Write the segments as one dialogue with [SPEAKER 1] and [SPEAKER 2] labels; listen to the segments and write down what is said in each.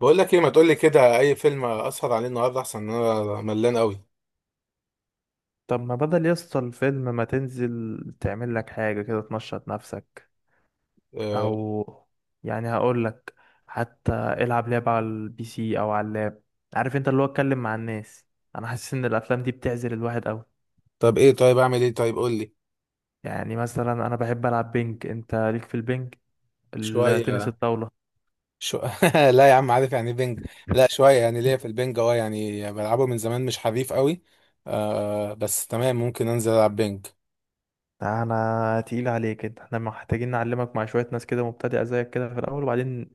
[SPEAKER 1] بقول لك ايه، ما تقول لي كده اي فيلم اسهر عليه النهارده؟ احسن ان انا ملان قوي.
[SPEAKER 2] طب ما بدل يسطا الفيلم ما تنزل تعمل لك حاجة كده تنشط نفسك؟
[SPEAKER 1] أه.
[SPEAKER 2] او هقول لك حتى العب لعبة على البي سي او على اللاب. عارف انت، اللي هو اتكلم مع الناس. انا حاسس ان الافلام دي بتعزل الواحد قوي.
[SPEAKER 1] طب ايه؟ طيب اعمل ايه؟ طيب قول لي.
[SPEAKER 2] يعني مثلا انا بحب العب بينج، انت ليك في البينج؟
[SPEAKER 1] شويه.
[SPEAKER 2] التنس الطاولة.
[SPEAKER 1] شو... لا يا عم، عارف يعني بينج. لا، شويه يعني، ليا في البينج. اه يعني بلعبه من زمان، مش حريف قوي. أه، بس تمام. ممكن انزل العب بينج.
[SPEAKER 2] انا تقيل عليك كده، احنا محتاجين نعلمك مع شوية ناس كده مبتدئة زيك كده في الاول، وبعدين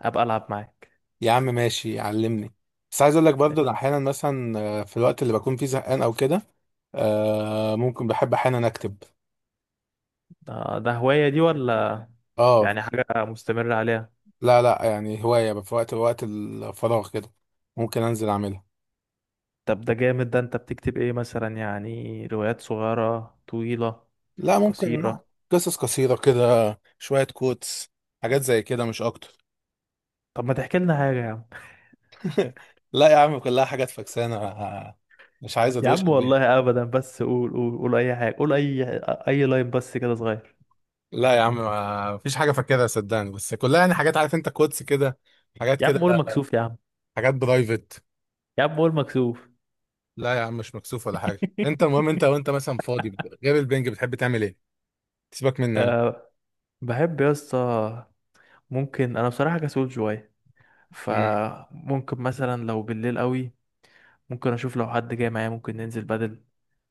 [SPEAKER 2] ابقى العب معاك.
[SPEAKER 1] يا عم ماشي، علمني. بس عايز اقول لك برضه، أنا
[SPEAKER 2] إيش.
[SPEAKER 1] احيانا مثلا في الوقت اللي بكون فيه زهقان او كده. أه، ممكن بحب احيانا اكتب.
[SPEAKER 2] ده هواية دي، ولا
[SPEAKER 1] اه.
[SPEAKER 2] يعني حاجة مستمرة عليها؟
[SPEAKER 1] لا، لا، يعني هوايه في وقت الفراغ كده. ممكن انزل اعملها.
[SPEAKER 2] طب ده جامد، ده انت بتكتب ايه مثلا؟ يعني روايات صغيرة طويلة
[SPEAKER 1] لا، ممكن.
[SPEAKER 2] قصيرة؟
[SPEAKER 1] قصص قصيرة كده. شوية كوتس. حاجات زي كده، مش أكتر.
[SPEAKER 2] طب ما تحكي لنا حاجة يا عم.
[SPEAKER 1] لا يا عم، كلها حاجات فكسانة. مش عايز
[SPEAKER 2] يا عم
[SPEAKER 1] أدوشك بيها.
[SPEAKER 2] والله ابدا، بس قول اي حاجة، قول اي اي لاين بس كده صغير.
[SPEAKER 1] لا يا عم، ما فيش حاجة فاكرها صدقني، بس كلها يعني حاجات، عارف أنت، كوتس كده. حاجات
[SPEAKER 2] يا
[SPEAKER 1] كده.
[SPEAKER 2] عم قول، مكسوف يا عم؟
[SPEAKER 1] حاجات برايفت.
[SPEAKER 2] يا عم قول، مكسوف؟
[SPEAKER 1] لا يا عم، مش مكسوف ولا حاجة. أنت المهم، أنت وأنت مثلا فاضي غير البنج بتحب تعمل إيه؟ سيبك مني أنا.
[SPEAKER 2] أه، بحب يا اسطى. ممكن انا بصراحة كسول شوية،
[SPEAKER 1] امم
[SPEAKER 2] فممكن مثلا لو بالليل قوي ممكن اشوف لو حد جاي معايا ممكن ننزل بدل.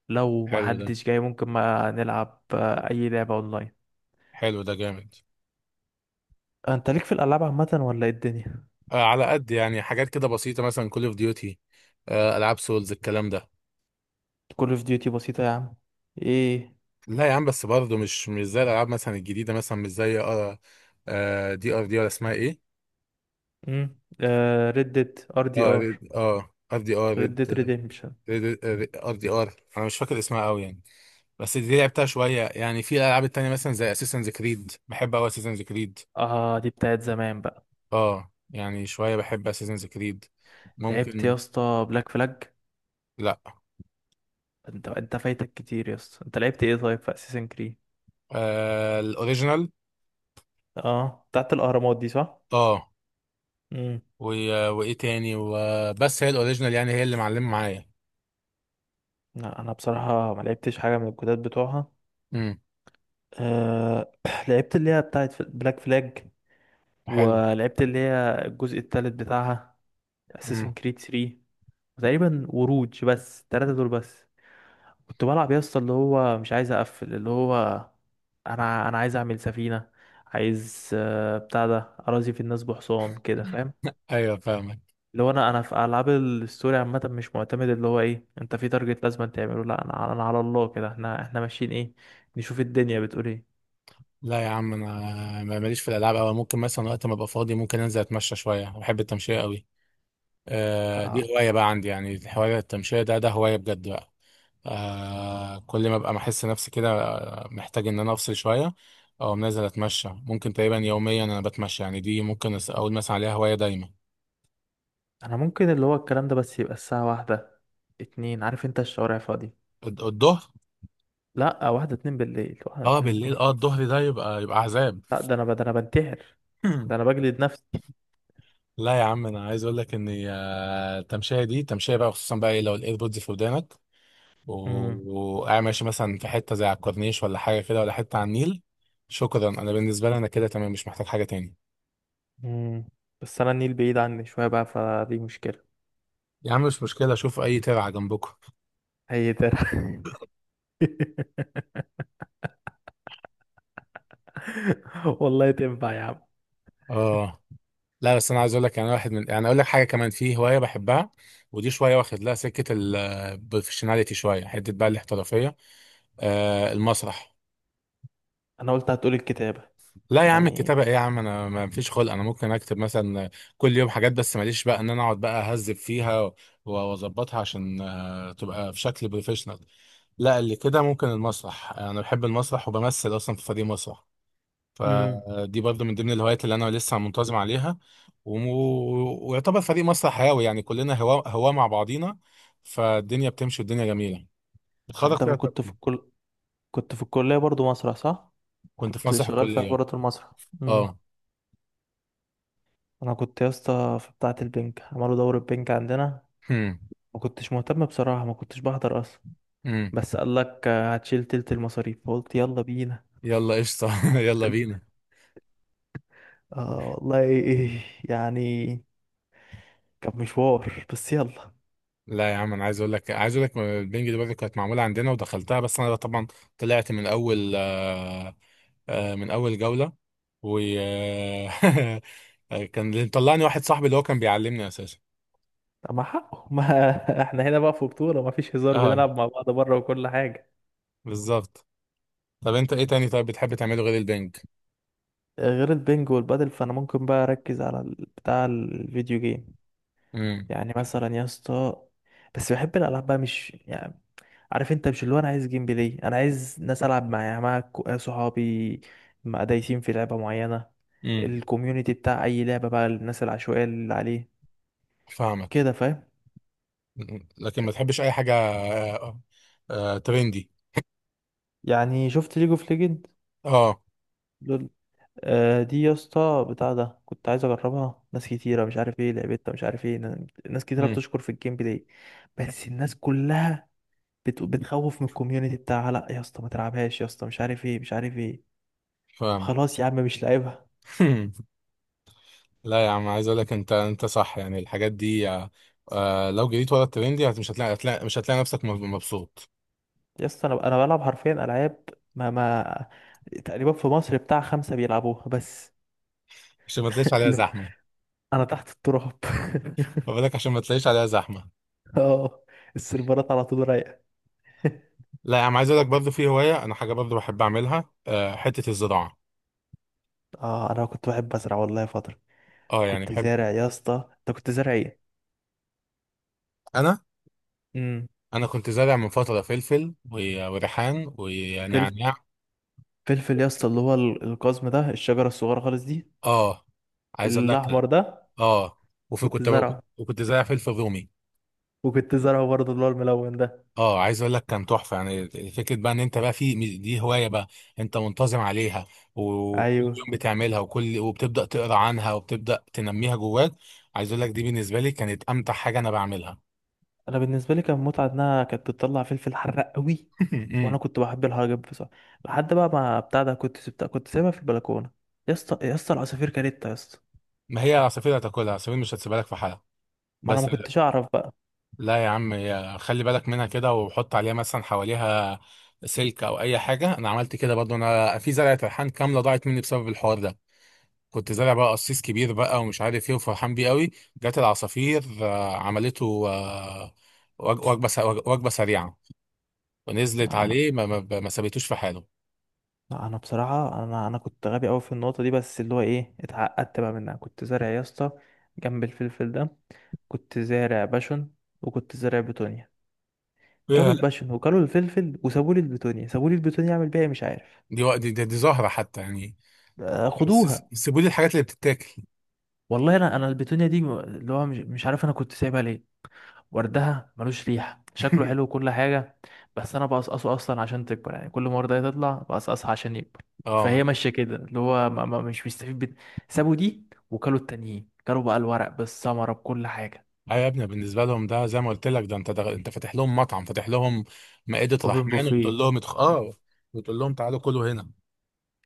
[SPEAKER 2] لو ما
[SPEAKER 1] حلو ده.
[SPEAKER 2] حدش جاي ممكن ما نلعب اي لعبة اونلاين.
[SPEAKER 1] حلو ده جامد.
[SPEAKER 2] انت ليك في الالعاب عامة، ولا ايه الدنيا؟
[SPEAKER 1] آه، على قد يعني حاجات كده بسيطة، مثلا كول أوف ديوتي. ألعاب سولز الكلام ده.
[SPEAKER 2] كول اوف ديوتي بسيطة يا عم. ايه؟
[SPEAKER 1] لا يا عم، بس برضه مش زي الالعاب مثلا الجديده، مثلا مش زي دي ار دي ولا اسمها ايه؟
[SPEAKER 2] امم، آه، ردت ار دي
[SPEAKER 1] اه
[SPEAKER 2] ار،
[SPEAKER 1] ريد ار دي ار ريد.
[SPEAKER 2] ردت ريديمشن.
[SPEAKER 1] ريد ار دي ار، انا مش فاكر اسمها قوي يعني. بس دي لعبتها شويه، يعني في الالعاب التانيه مثلا زي اساسنز كريد، بحب قوي اساسنز كريد.
[SPEAKER 2] اه دي بتاعت زمان بقى.
[SPEAKER 1] اه يعني شويه بحب اساسنز كريد.
[SPEAKER 2] لعبت يا
[SPEAKER 1] ممكن.
[SPEAKER 2] اسطى بلاك فلاج؟
[SPEAKER 1] لا.
[SPEAKER 2] انت فايتك كتير يا اسطى. انت لعبت ايه طيب في اساسن كريد؟
[SPEAKER 1] آه، الاوريجينال.
[SPEAKER 2] اه بتاعت الاهرامات دي صح؟
[SPEAKER 1] اه.
[SPEAKER 2] امم.
[SPEAKER 1] و... وايه تاني؟ وبس هي الاوريجينال، يعني هي اللي معلمه معايا.
[SPEAKER 2] لا انا بصراحة ما لعبتش حاجة من الجداد بتوعها.
[SPEAKER 1] امم
[SPEAKER 2] آه لعبت اللي هي بتاعت بلاك فلاج،
[SPEAKER 1] حلو.
[SPEAKER 2] ولعبت اللي هي الجزء التالت بتاعها،
[SPEAKER 1] امم
[SPEAKER 2] اساسن كريد 3 تقريبا، وروج، بس التلاتة دول بس. كنت بلعب يا اسطى، اللي هو مش عايز اقفل، اللي هو انا عايز اعمل سفينه، عايز، بتاع ده، اراضي في الناس بحصان كده، فاهم؟
[SPEAKER 1] ايوه فاهمك.
[SPEAKER 2] اللي هو انا في العاب الستوري عامه مش معتمد اللي هو ايه انت في تارجت لازم تعمله، لا انا على الله كده، احنا ماشيين ايه، نشوف الدنيا بتقول ايه.
[SPEAKER 1] لا يا عم، انا ماليش في الالعاب قوي. ممكن مثلا وقت ما ابقى فاضي، ممكن انزل اتمشى شويه. بحب التمشيه قوي. آه،
[SPEAKER 2] آه،
[SPEAKER 1] دي هوايه بقى عندي يعني، الهوايه التمشيه، ده هوايه بجد بقى. آه، كل ما ابقى محس نفسي كده، محتاج ان انا افصل شويه. او نازل اتمشى، ممكن تقريبا يوميا انا بتمشى. يعني دي ممكن اقول مثلا عليها هوايه دايما.
[SPEAKER 2] انا ممكن اللي هو الكلام ده، بس يبقى الساعه واحدة اتنين. عارف انت الشوارع فاضي.
[SPEAKER 1] الظهر؟
[SPEAKER 2] لا، واحدة اتنين بالليل، واحدة
[SPEAKER 1] اه
[SPEAKER 2] اتنين
[SPEAKER 1] بالليل،
[SPEAKER 2] الظهر؟
[SPEAKER 1] اه الظهر ده يبقى عذاب.
[SPEAKER 2] لا ده انا ده انا بنتحر، ده انا بجلد نفسي.
[SPEAKER 1] لا يا عم، انا عايز اقول لك ان التمشيه دي تمشيه بقى، خصوصا بقى لو الايربودز في ودانك،
[SPEAKER 2] مم.
[SPEAKER 1] وقاعد ماشي مثلا في حتة زي على الكورنيش، ولا حاجة كده، ولا حتة على النيل. شكرا، أنا بالنسبة لي أنا كده تمام، مش محتاج حاجة تاني.
[SPEAKER 2] مم. بس انا النيل بعيد عني شويه بقى، فدي مشكله.
[SPEAKER 1] يا عم مش مشكلة، أشوف أي ترعة جنبكم.
[SPEAKER 2] هي ده. والله تنفع يا عم؟
[SPEAKER 1] آه. لا، بس أنا عايز أقول لك، يعني واحد من، يعني أقول لك حاجة كمان، في هواية بحبها. ودي شوية واخد لها سكة البروفيشناليتي شوية، حتة بقى الاحترافية. آه، المسرح.
[SPEAKER 2] انا قلت هتقول الكتابه.
[SPEAKER 1] لا يا عم،
[SPEAKER 2] يعني.
[SPEAKER 1] الكتابة ايه يا عم؟ انا ما فيش خلق، انا ممكن اكتب مثلا كل يوم حاجات، بس ماليش بقى ان انا اقعد بقى اهذب فيها واظبطها عشان تبقى في شكل بروفيشنال. لا، اللي كده ممكن المسرح. انا بحب المسرح، وبمثل اصلا في فريق مسرح.
[SPEAKER 2] امم.
[SPEAKER 1] فدي برضو من ضمن الهوايات اللي انا لسه منتظم عليها. وم- ويعتبر فريق مسرح هاوي، يعني كلنا هوا هوا مع بعضينا. فالدنيا بتمشي، والدنيا جميلة. بتخرج
[SPEAKER 2] انت
[SPEAKER 1] فيها
[SPEAKER 2] كنت في
[SPEAKER 1] طاقتي.
[SPEAKER 2] الكل، كنت في الكليه برضو مسرح، صح؟
[SPEAKER 1] كنت في
[SPEAKER 2] كنت
[SPEAKER 1] مسرح
[SPEAKER 2] شغال في
[SPEAKER 1] الكلية.
[SPEAKER 2] حوارات المسرح. امم.
[SPEAKER 1] اه.
[SPEAKER 2] انا كنت يا اسطى في بتاعه البنك، عملوا دورة بنك عندنا.
[SPEAKER 1] هم.
[SPEAKER 2] ما كنتش مهتم بصراحه، ما كنتش بحضر اصلا.
[SPEAKER 1] هم.
[SPEAKER 2] بس قال لك هتشيل تلت المصاريف، فقلت يلا بينا.
[SPEAKER 1] يلا قشطة. يلا بينا.
[SPEAKER 2] اه والله يعني كان مشوار، بس يلا.
[SPEAKER 1] لا يا عم، انا عايز اقول لك البنج دي برضه كانت معموله عندنا، ودخلتها، بس انا طبعا طلعت من اول من اول جوله. و كان اللي مطلعني واحد صاحبي، اللي هو كان بيعلمني اساسا.
[SPEAKER 2] طب ما حقه ما احنا هنا بقى في بطولة، ما فيش هزار،
[SPEAKER 1] اه،
[SPEAKER 2] بنلعب مع بعض بره وكل حاجة.
[SPEAKER 1] بالظبط. طب انت ايه تاني؟ طيب بتحب تعمله غير البنج؟
[SPEAKER 2] غير البنج والبادل، فانا ممكن بقى اركز على بتاع الفيديو جيم.
[SPEAKER 1] امم
[SPEAKER 2] يعني مثلا يا اسطى، بس بحب الالعاب بقى، مش يعني عارف انت، مش اللي هو انا عايز جيم بلاي، انا عايز ناس العب معايا، مع صحابي، مع دايسين في لعبة معينة.
[SPEAKER 1] امم
[SPEAKER 2] الكوميونتي بتاع اي لعبة بقى، الناس العشوائية اللي عليه
[SPEAKER 1] فاهمك.
[SPEAKER 2] كده، فاهم؟
[SPEAKER 1] مم. لكن ما تحبش اي حاجه ترندي؟
[SPEAKER 2] يعني شفت ليج اوف ليجند؟
[SPEAKER 1] اه.
[SPEAKER 2] دي يا اسطى بتاع ده كنت عايز اجربها، ناس كتيره مش عارف ايه لعبتها، مش عارف ايه، ناس كتيره
[SPEAKER 1] امم
[SPEAKER 2] بتشكر في الجيم بلاي، بس الناس كلها بتخوف من الكوميونتي بتاعها، لا يا اسطى ما تلعبهاش يا اسطى، مش عارف ايه، مش عارف ايه.
[SPEAKER 1] فاهمك.
[SPEAKER 2] خلاص يا عم مش لاعبها.
[SPEAKER 1] لا يا عم، عايز اقول لك، انت صح يعني، الحاجات دي لو جريت ورا الترند دي مش هتلاقي نفسك مبسوط.
[SPEAKER 2] يا اسطى انا بلعب حرفيا العاب ما تقريبا في مصر بتاع خمسه بيلعبوها بس.
[SPEAKER 1] عشان ما تلاقيش عليها
[SPEAKER 2] اللي هو
[SPEAKER 1] زحمه.
[SPEAKER 2] انا تحت التراب.
[SPEAKER 1] فبالك عشان ما تلاقيش عليها زحمه.
[SPEAKER 2] اه، السيرفرات على طول رايقه.
[SPEAKER 1] لا يا عم، عايز اقول لك برضه في هوايه، انا حاجه برضه بحب اعملها، حته الزراعه.
[SPEAKER 2] اه انا كنت بحب ازرع والله فتره.
[SPEAKER 1] اه يعني
[SPEAKER 2] كنت
[SPEAKER 1] بحب.
[SPEAKER 2] زارع يا اسطى، انت كنت زارع ايه؟
[SPEAKER 1] انا
[SPEAKER 2] امم.
[SPEAKER 1] انا كنت زارع من فتره فلفل وريحان
[SPEAKER 2] فلفل؟
[SPEAKER 1] ونعناع.
[SPEAKER 2] فلفل يا اسطى اللي هو القزم ده، الشجره الصغيره خالص دي،
[SPEAKER 1] اه. عايز اقول لك.
[SPEAKER 2] الاحمر ده؟
[SPEAKER 1] اه. وفي
[SPEAKER 2] كنت زرعه،
[SPEAKER 1] وكنت زارع فلفل رومي.
[SPEAKER 2] وكنت زرعه برضه اللي هو الملون ده.
[SPEAKER 1] اه، عايز اقول لك كان تحفه، يعني فكره بقى ان انت بقى في دي هوايه بقى، انت منتظم عليها، وكل
[SPEAKER 2] ايوه.
[SPEAKER 1] يوم بتعملها، وبتبدا تقرا عنها، وبتبدا تنميها جواك. عايز اقول لك، دي بالنسبه لي كانت امتع حاجه انا بعملها.
[SPEAKER 2] انا بالنسبه لي كان متعه، انها كانت بتطلع فلفل حراق قوي. وانا
[SPEAKER 1] أمم.
[SPEAKER 2] كنت بحب الحاجه دي بصراحه، لحد بقى ما بتاع ده، كنت سبتها، كنت سايبها في البلكونه. يا اسطى، يا اسطى العصافير كانت يا اسطى.
[SPEAKER 1] ما هي عصافير هتاكلها، عصافير مش هتسيبها لك في حالها.
[SPEAKER 2] ما انا ما
[SPEAKER 1] بس
[SPEAKER 2] كنتش اعرف بقى.
[SPEAKER 1] لا يا عم، خلي بالك منها كده، وحط عليها مثلا حواليها سلك او اي حاجه. انا عملت كده برضو، انا في زرعه ريحان كامله ضاعت مني بسبب الحوار ده. كنت زارع بقى قصيص كبير بقى ومش عارف ايه، وفرحان بيه قوي. جت العصافير عملته وجبه سريعه. ونزلت
[SPEAKER 2] انا
[SPEAKER 1] عليه، ما سابتوش في حاله.
[SPEAKER 2] انا بصراحه انا كنت غبي قوي في النقطه دي، بس اللي هو ايه، اتعقدت بقى منها. كنت زارع يا اسطى جنب الفلفل ده، كنت زارع باشون، وكنت زارع بتونيا. كلوا
[SPEAKER 1] ياه.
[SPEAKER 2] الباشون وكلوا الفلفل وسابوا لي البتونيا، سابوا لي البتونيا اعمل بيها إيه مش عارف.
[SPEAKER 1] دي زهره حتى يعني.
[SPEAKER 2] خدوها.
[SPEAKER 1] سيبوا لي الحاجات اللي بتتاكل.
[SPEAKER 2] والله انا انا البتونيا دي اللي هو مش عارف انا كنت سايبها ليه، وردها ملوش ريحه، شكله حلو وكل حاجه، بس انا بقصقصه اصلا عشان تكبر، يعني كل ما ورده تطلع بقصقصها عشان يكبر،
[SPEAKER 1] اه.
[SPEAKER 2] فهي ماشيه كده اللي هو ما مش بيستفيد سابوا دي، وكلوا التانيين، كلوا بقى الورق بالثمره بكل حاجه.
[SPEAKER 1] ايوه يا ابني، بالنسبه لهم ده زي ما قلت لك، ده انت فاتح لهم مطعم، فاتح لهم مائده
[SPEAKER 2] اوبن
[SPEAKER 1] رحمن، وبتقول
[SPEAKER 2] بوفيه.
[SPEAKER 1] لهم بتقول لهم تعالوا كلوا هنا.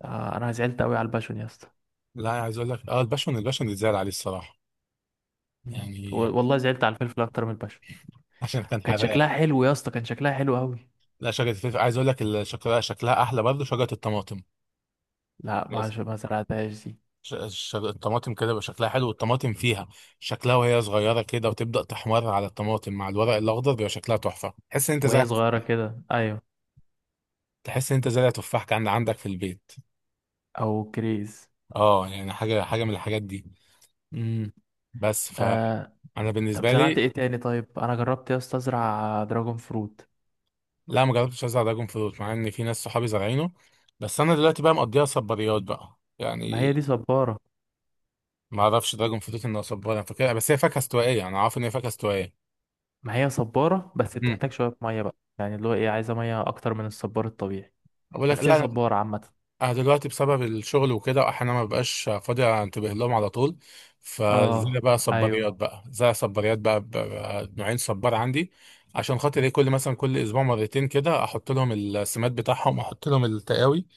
[SPEAKER 2] انا زعلت قوي على الباشون يا اسطى.
[SPEAKER 1] لا، عايز اقول لك الباشون اتزعل عليه الصراحه.
[SPEAKER 2] مم.
[SPEAKER 1] يعني.
[SPEAKER 2] والله زعلت على الفلفل اكتر من البشر.
[SPEAKER 1] عشان كان
[SPEAKER 2] كان
[SPEAKER 1] حراق.
[SPEAKER 2] شكلها حلو يا اسطى، كان شكلها حلو قوي.
[SPEAKER 1] لا، شجرة الفلفل عايز اقول لك شكلها احلى، برضه شجرة الطماطم.
[SPEAKER 2] لا ما
[SPEAKER 1] لازم.
[SPEAKER 2] ما زرعتهاش دي.
[SPEAKER 1] الطماطم كده بيبقى شكلها حلو، والطماطم فيها شكلها وهي صغيرة كده، وتبدأ تحمر على الطماطم مع الورق الأخضر، بيبقى شكلها تحفة، تحس إن أنت زرع
[SPEAKER 2] وهي صغيره
[SPEAKER 1] تفاح.
[SPEAKER 2] كده، ايوه.
[SPEAKER 1] تحس إن أنت زرع تفاح كان عندك في البيت.
[SPEAKER 2] او كريز.
[SPEAKER 1] أه، يعني حاجة من الحاجات دي.
[SPEAKER 2] امم.
[SPEAKER 1] بس
[SPEAKER 2] آه
[SPEAKER 1] فأنا
[SPEAKER 2] طب
[SPEAKER 1] بالنسبة
[SPEAKER 2] زرعت
[SPEAKER 1] لي.
[SPEAKER 2] ايه تاني طيب؟ انا جربت يا اسطى ازرع دراجون فروت.
[SPEAKER 1] لا، ما جربتش أزرع دراجون فروت، مع إن في ناس صحابي زارعينه. بس أنا دلوقتي بقى مقضيها صباريات بقى
[SPEAKER 2] ما
[SPEAKER 1] يعني.
[SPEAKER 2] هي دي صباره.
[SPEAKER 1] ما أعرفش دراجون فروت إنه صبار، أنا فاكرها بس هي فاكهة استوائية، أنا عارف إن هي فاكهة استوائية.
[SPEAKER 2] ما هي صباره، بس بتحتاج شويه ميه بقى، يعني اللي هو ايه عايزه ميه اكتر من الصبار الطبيعي،
[SPEAKER 1] بقول لك
[SPEAKER 2] بس هي
[SPEAKER 1] لا.
[SPEAKER 2] صباره عامه.
[SPEAKER 1] انا دلوقتي بسبب الشغل وكده، احيانا ما ببقاش فاضي انتبه لهم على طول.
[SPEAKER 2] اه.
[SPEAKER 1] فزي بقى
[SPEAKER 2] ايوه،
[SPEAKER 1] صباريات بقى، زي صباريات بقى, نوعين صبار عندي. عشان خاطر ايه، كل اسبوع مرتين كده احط لهم السماد بتاعهم، احط لهم التقاوي،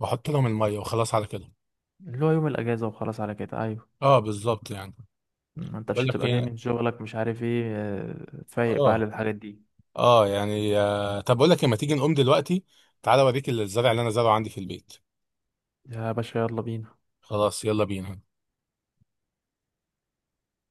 [SPEAKER 1] واحط لهم الميه، وخلاص على كده.
[SPEAKER 2] اللي هو يوم الاجازه وخلاص على كده، ايوه.
[SPEAKER 1] اه، بالظبط يعني.
[SPEAKER 2] ما انت مش
[SPEAKER 1] بقول لك
[SPEAKER 2] هتبقى جاي
[SPEAKER 1] ايه.
[SPEAKER 2] من شغلك مش عارف ايه، فايق بقى
[SPEAKER 1] اه.
[SPEAKER 2] للحاجات دي.
[SPEAKER 1] اه يعني طب بقول لك ما تيجي نقوم دلوقتي؟ تعالى اوريك الزرع اللي انا زرعه عندي في البيت.
[SPEAKER 2] يا باشا يلا بينا.
[SPEAKER 1] خلاص يلا بينا.